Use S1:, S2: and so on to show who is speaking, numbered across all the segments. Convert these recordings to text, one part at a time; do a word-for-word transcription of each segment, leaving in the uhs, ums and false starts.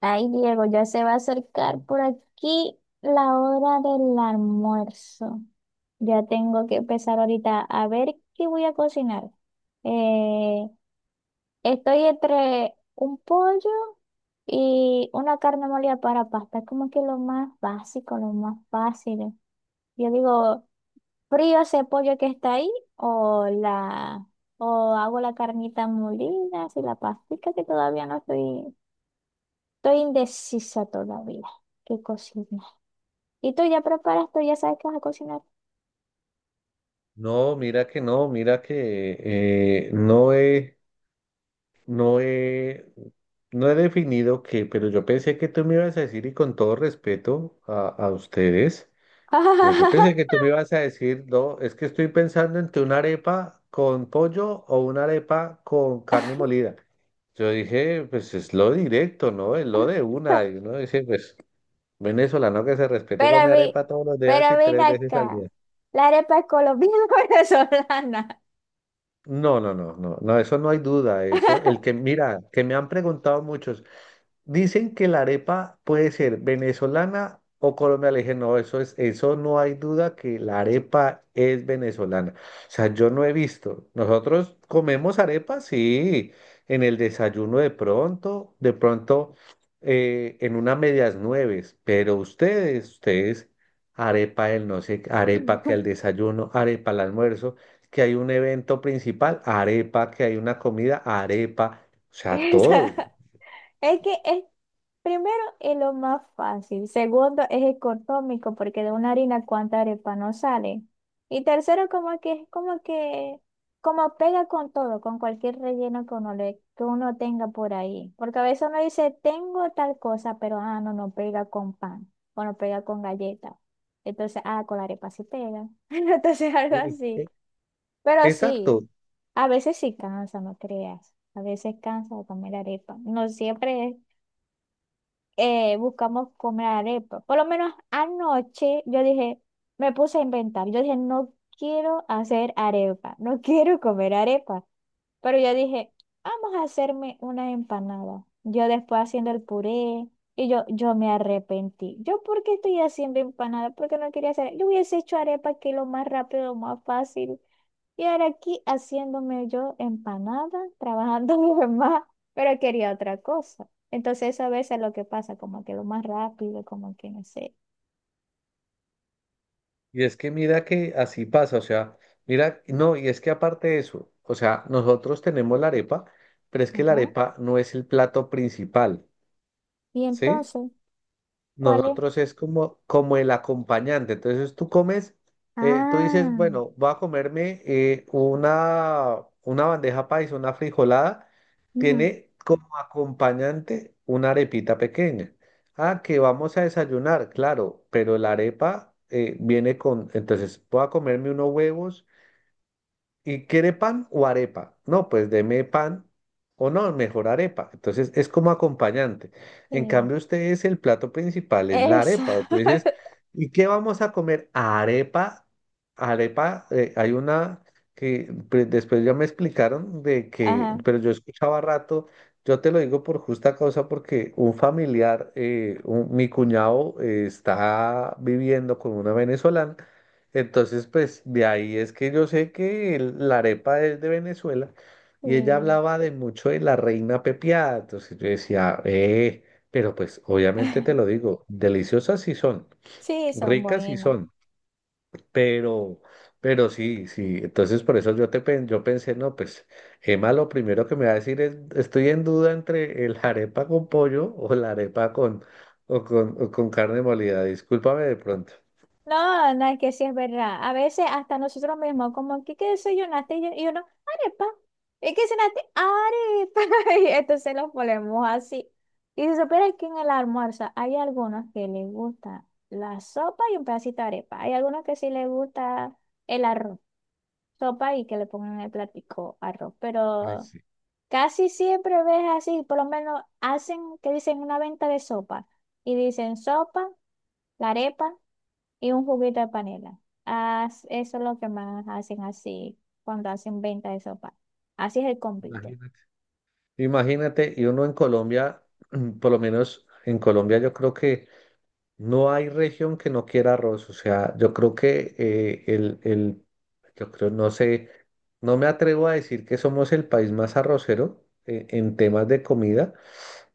S1: Ay, Diego, ya se va a acercar por aquí la hora del almuerzo. Ya tengo que empezar ahorita a ver qué voy a cocinar. Eh, Estoy entre un pollo y una carne molida para pasta. Es como que lo más básico, lo más fácil. Yo digo, frío ese pollo que está ahí o la o hago la carnita molida, así la pastica que todavía no estoy, estoy indecisa todavía. ¿Qué cocinar? Y tú ya preparas, tú ya sabes que vas a cocinar.
S2: No, mira que no, mira que eh, no he, no he, no he definido qué, pero yo pensé que tú me ibas a decir, y con todo respeto a, a ustedes, pero yo pensé que tú me ibas a decir, no, es que estoy pensando entre una arepa con pollo o una arepa con carne molida. Yo dije, pues es lo directo, ¿no? Es lo de una. Y uno dice, pues venezolano que se respete con mi
S1: Pero vi,
S2: arepa todos los días
S1: pero
S2: y
S1: ven
S2: tres veces al
S1: acá.
S2: día.
S1: ¿La arepa es colombiana o venezolana?
S2: No, no, no, no, no, eso no hay duda, eso. El que, mira, que me han preguntado muchos, dicen que la arepa puede ser venezolana o colombiana. Le dije, no, eso es, eso no hay duda que la arepa es venezolana. O sea, yo no he visto. Nosotros comemos arepa, sí, en el desayuno de pronto, de pronto eh, en unas medias nueves, pero ustedes, ustedes, arepa el no sé, arepa que al desayuno, arepa al almuerzo, que hay un evento principal, arepa, que hay una comida, arepa, o sea, todo.
S1: Esa- Es que es, Primero es lo más fácil. Segundo es económico porque de una harina cuánta arepa no sale. Y tercero como que es como que como pega con todo, con cualquier relleno que uno, le, que uno tenga por ahí. Porque a veces uno dice, tengo tal cosa, pero ah, no, no pega con pan o no pega con galleta. Entonces, ah, con la arepa sí pega. Entonces algo así.
S2: Sí.
S1: Pero sí,
S2: Exacto.
S1: a veces sí cansa, no creas. A veces cansa de comer arepa. No siempre es eh, buscamos comer arepa. Por lo menos anoche yo dije, me puse a inventar. Yo dije, no quiero hacer arepa, no quiero comer arepa. Pero yo dije, vamos a hacerme una empanada. Yo después haciendo el puré y yo, yo me arrepentí. ¿Yo por qué estoy haciendo empanada? Porque no quería hacer. Yo hubiese hecho arepa que es lo más rápido, lo más fácil. Y ahora aquí haciéndome yo empanada, trabajando mi mamá, pero quería otra cosa. Entonces eso a veces es lo que pasa, como que lo más rápido, como que no sé.
S2: Y es que mira que así pasa, o sea, mira, no, y es que aparte de eso, o sea, nosotros tenemos la arepa, pero es que la
S1: Ajá.
S2: arepa no es el plato principal,
S1: Y
S2: ¿sí?
S1: entonces, ¿cuál es?
S2: Nosotros es como, como el acompañante. Entonces tú comes, eh, tú dices,
S1: Ah,
S2: bueno, voy a comerme eh, una, una bandeja paisa, una frijolada.
S1: ujú,
S2: Tiene como acompañante una arepita pequeña. Ah, que vamos a desayunar, claro, pero la arepa eh, viene con, entonces voy a comerme unos huevos. ¿Y quiere pan o arepa? No, pues deme pan o no, mejor arepa. Entonces es como acompañante. En
S1: sí,
S2: cambio, ustedes el plato principal es la arepa.
S1: esa.
S2: Entonces, ¿y qué vamos a comer? Arepa, arepa, eh, hay una que pre- después ya me explicaron de que,
S1: Ajá,
S2: pero yo escuchaba rato, yo te lo digo por justa causa porque un familiar, eh, un- mi cuñado eh, está viviendo con una venezolana. Entonces, pues de ahí es que yo sé que el- la arepa es de Venezuela y ella
S1: sí.
S2: hablaba de mucho de la reina pepiada. Entonces yo decía, eh, pero pues obviamente te lo digo, deliciosas sí son,
S1: Sí, son
S2: ricas sí
S1: buenas.
S2: son, pero, pero sí, sí. Entonces por eso yo te pen- yo pensé, no, pues Emma lo primero que me va a decir es, estoy en duda entre el arepa con pollo o la arepa con, o con, o con carne molida. Discúlpame de pronto.
S1: No, no, es que sí es verdad. A veces hasta nosotros mismos, como, ¿qué, qué desayunaste? Y, yo- y uno, arepa. ¿Y qué cenaste? Arepa. Y entonces los ponemos así. Y se supone que en el almuerzo hay algunos que les gusta la sopa y un pedacito de arepa. Hay algunos que sí les gusta el arroz, sopa y que le pongan en el platico arroz.
S2: Ay,
S1: Pero
S2: sí.
S1: casi siempre ves así, por lo menos hacen, que dicen una venta de sopa. Y dicen sopa, la arepa y un juguito de panela. As eso es lo que más hacen así cuando hacen venta de sopa. Así es el completo.
S2: Imagínate. Imagínate, y uno en Colombia, por lo menos en Colombia, yo creo que no hay región que no quiera arroz. O sea, yo creo que eh, el, el, yo creo, no sé, no me atrevo a decir que somos el país más arrocero eh, en temas de comida,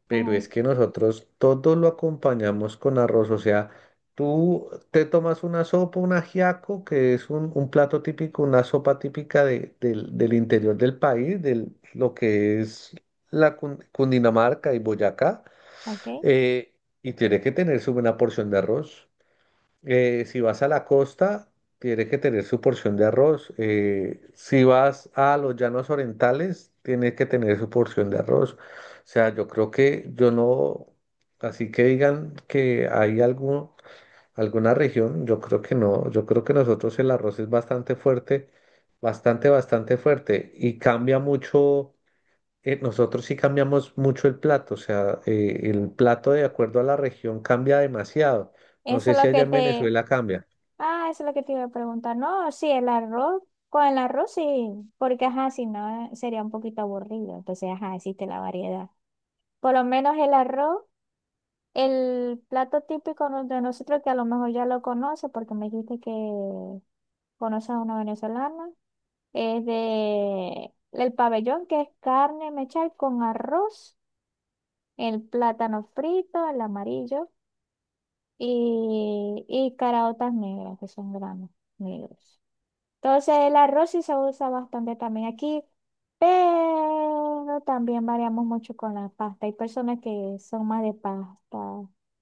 S2: pero
S1: Ajá,
S2: es que nosotros todo lo acompañamos con arroz, o sea, tú te tomas una sopa, un ajiaco, que es un, un plato típico, una sopa típica de- del, del interior del país, de lo que es la Cun- Cundinamarca y Boyacá,
S1: ok.
S2: eh, y tiene que tener su buena porción de arroz. Eh, si vas a la costa, tienes que tener su porción de arroz. Eh, si vas a los llanos orientales, tienes que tener su porción de arroz. O sea, yo creo que yo no, así que digan que hay algún, alguna región, yo creo que no. Yo creo que nosotros el arroz es bastante fuerte, bastante, bastante fuerte y cambia mucho. Eh, nosotros sí cambiamos mucho el plato, o sea, eh, el plato de acuerdo a la región cambia demasiado. No
S1: Eso
S2: sé
S1: es
S2: si
S1: lo
S2: allá
S1: que
S2: en
S1: te...
S2: Venezuela cambia.
S1: Ah, eso es lo que te iba a preguntar. No, sí, el arroz. Con el arroz sí, porque ajá, si no sería un poquito aburrido. Entonces, ajá, existe la variedad. Por lo menos el arroz, el plato típico no- de nosotros, que a lo mejor ya lo conoce, porque me dijiste que conoces a una venezolana. Es de el pabellón, que es carne mechal con arroz, el plátano frito, el amarillo y, y caraotas negras, que son granos negros. Entonces el arroz sí se usa bastante también aquí, pero también variamos mucho con la pasta. Hay personas que son más de pasta,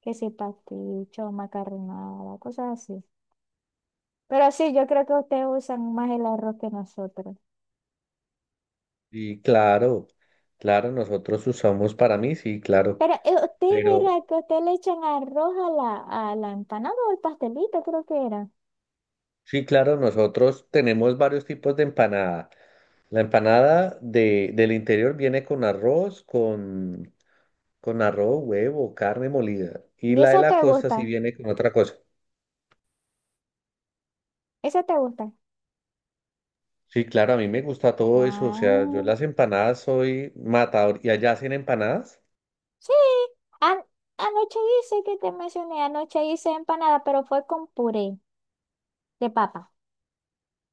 S1: que si pasticho, macarronada, cosas así. Pero sí, yo creo que ustedes usan más el arroz que nosotros.
S2: Sí, claro, claro, nosotros usamos para mí, sí, claro,
S1: Pero eh, ustedes
S2: pero
S1: verá que ustedes le echan arroz a la, a la empanada o el pastelito, creo que era.
S2: sí, claro, nosotros tenemos varios tipos de empanada. La empanada de, del interior viene con arroz, con, con arroz, huevo, carne molida, y
S1: Y
S2: la de
S1: esa
S2: la
S1: te
S2: costa sí
S1: gusta,
S2: viene con otra cosa.
S1: esa te gusta.
S2: Sí, claro, a mí me gusta todo eso, o sea, yo
S1: Ah,
S2: las empanadas soy matador, y allá hacen empanadas.
S1: sí. An- Anoche hice que te mencioné, anoche hice empanada, pero fue con puré de papa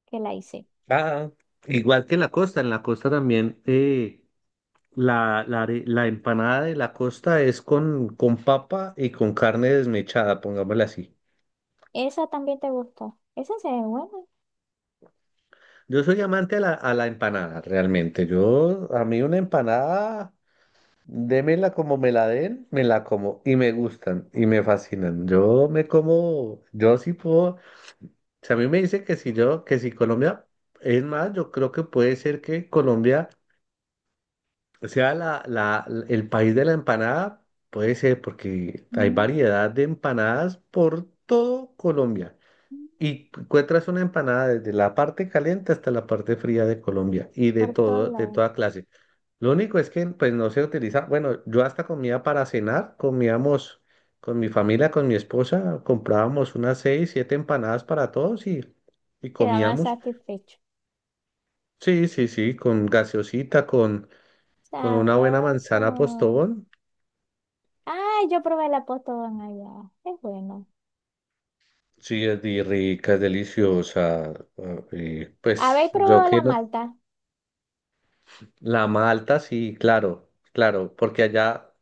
S1: que la hice.
S2: Ah, igual que en la costa, en la costa también. Eh, La, la, are- la empanada de la costa es con, con papa y con carne desmechada, pongámosla así.
S1: Esa también te gustó. Esa se ve buena.
S2: Yo soy amante a la, a la empanada, realmente. Yo, a mí una empanada, démela como me la den, me la como y me gustan y me fascinan. Yo me como, yo sí puedo, si a mí me dice que si yo, que si Colombia, es más, yo creo que puede ser que Colombia. O sea, la, la, el país de la empanada puede ser porque hay
S1: Mm,
S2: variedad de empanadas por todo Colombia.
S1: mm,
S2: Y encuentras una empanada desde la parte caliente hasta la parte fría de Colombia y de
S1: por todos
S2: todo, de
S1: lados.
S2: toda clase. Lo único es que pues no se utiliza, bueno, yo hasta comía para cenar, comíamos con mi familia, con mi esposa, comprábamos unas seis, siete empanadas para todos y, y
S1: Queda más
S2: comíamos.
S1: satisfecho.
S2: Sí, sí, sí, con gaseosita, con, con una buena manzana
S1: Sabroso.
S2: postobón.
S1: Ay, yo probé la Postobón allá. Es bueno.
S2: Sí, es di- rica, es deliciosa. ah, Y pues
S1: ¿Habéis
S2: yo
S1: probado
S2: que
S1: la
S2: no-
S1: malta?
S2: la malta, sí, claro, claro, porque allá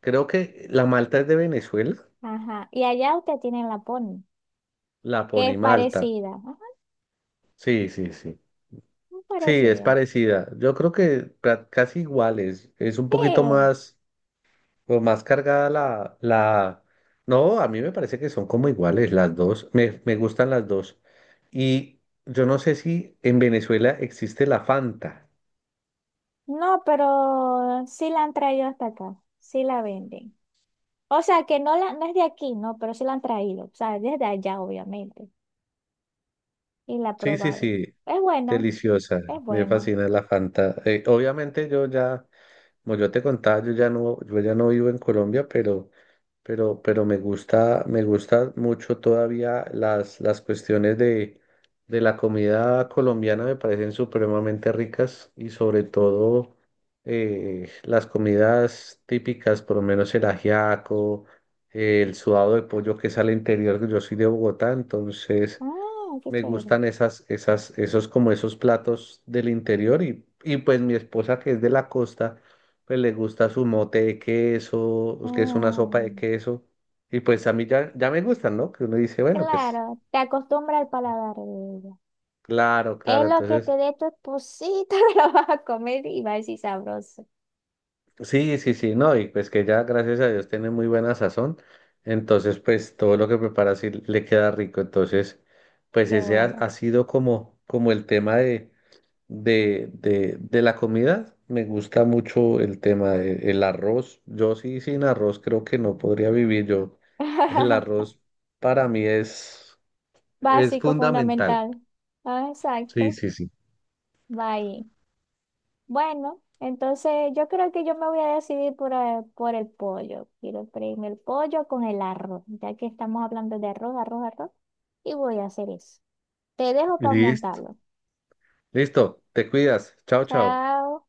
S2: creo que la malta es de Venezuela,
S1: Ajá. Y allá usted tiene la Pony,
S2: la
S1: que es
S2: pone Malta.
S1: parecida. Ajá,
S2: Sí, sí, sí.
S1: muy
S2: Sí, es
S1: parecida.
S2: parecida. Yo creo que ca- casi iguales, es un poquito
S1: Sí,
S2: más, o más cargada la, la. No, a mí me parece que son como iguales las dos. Me, me gustan las dos. Y yo no sé si en Venezuela existe la Fanta.
S1: no, pero sí la han traído hasta acá. Sí la venden. O sea, que no, la, no es de aquí, no, pero sí la han traído. O sea, desde allá, obviamente. Y la he
S2: Sí, sí,
S1: probado.
S2: sí,
S1: Es buena,
S2: deliciosa,
S1: es
S2: me
S1: buena.
S2: fascina la Fanta. Eh, obviamente yo ya, como yo te contaba, yo ya no, yo ya no vivo en Colombia, pero, pero, pero me gusta, me gusta mucho todavía las, las cuestiones de, de la comida colombiana, me parecen supremamente ricas y sobre todo eh, las comidas típicas, por lo menos el ajiaco, eh, el sudado de pollo que es al interior, yo soy de Bogotá, entonces...
S1: Ah, qué
S2: Me
S1: chévere.
S2: gustan esas, esas, esos como esos platos del interior y, y pues mi esposa que es de la costa, pues le gusta su mote de queso, pues, que es una sopa de
S1: Mm,
S2: queso y pues a mí ya, ya me gustan, ¿no? Que uno dice, bueno, pues
S1: claro, te acostumbra al paladar de ella.
S2: claro,
S1: Es
S2: claro,
S1: lo que te
S2: entonces
S1: dé tu esposito, lo vas a comer y va a decir sabroso.
S2: sí, sí, sí, no, y pues que ya gracias a Dios tiene muy buena sazón, entonces pues todo lo que prepara sí le queda rico, entonces pues
S1: Qué
S2: ese ha,
S1: bueno.
S2: ha sido como, como el tema de de, de, de la comida, me gusta mucho el tema del arroz. Yo sí sin arroz creo que no podría vivir yo. El arroz para mí es, es
S1: Básico,
S2: fundamental.
S1: fundamental. Ah,
S2: Sí,
S1: exacto.
S2: sí, sí.
S1: Va ahí. Bueno, entonces yo creo que yo me voy a decidir por, eh, por el pollo. Quiero freírme el pollo con el arroz, ya que estamos hablando de arroz, arroz, arroz. Y voy a hacer eso. Te dejo para
S2: Listo.
S1: montarlo.
S2: Listo, te cuidas. Chao, chao.
S1: Chao.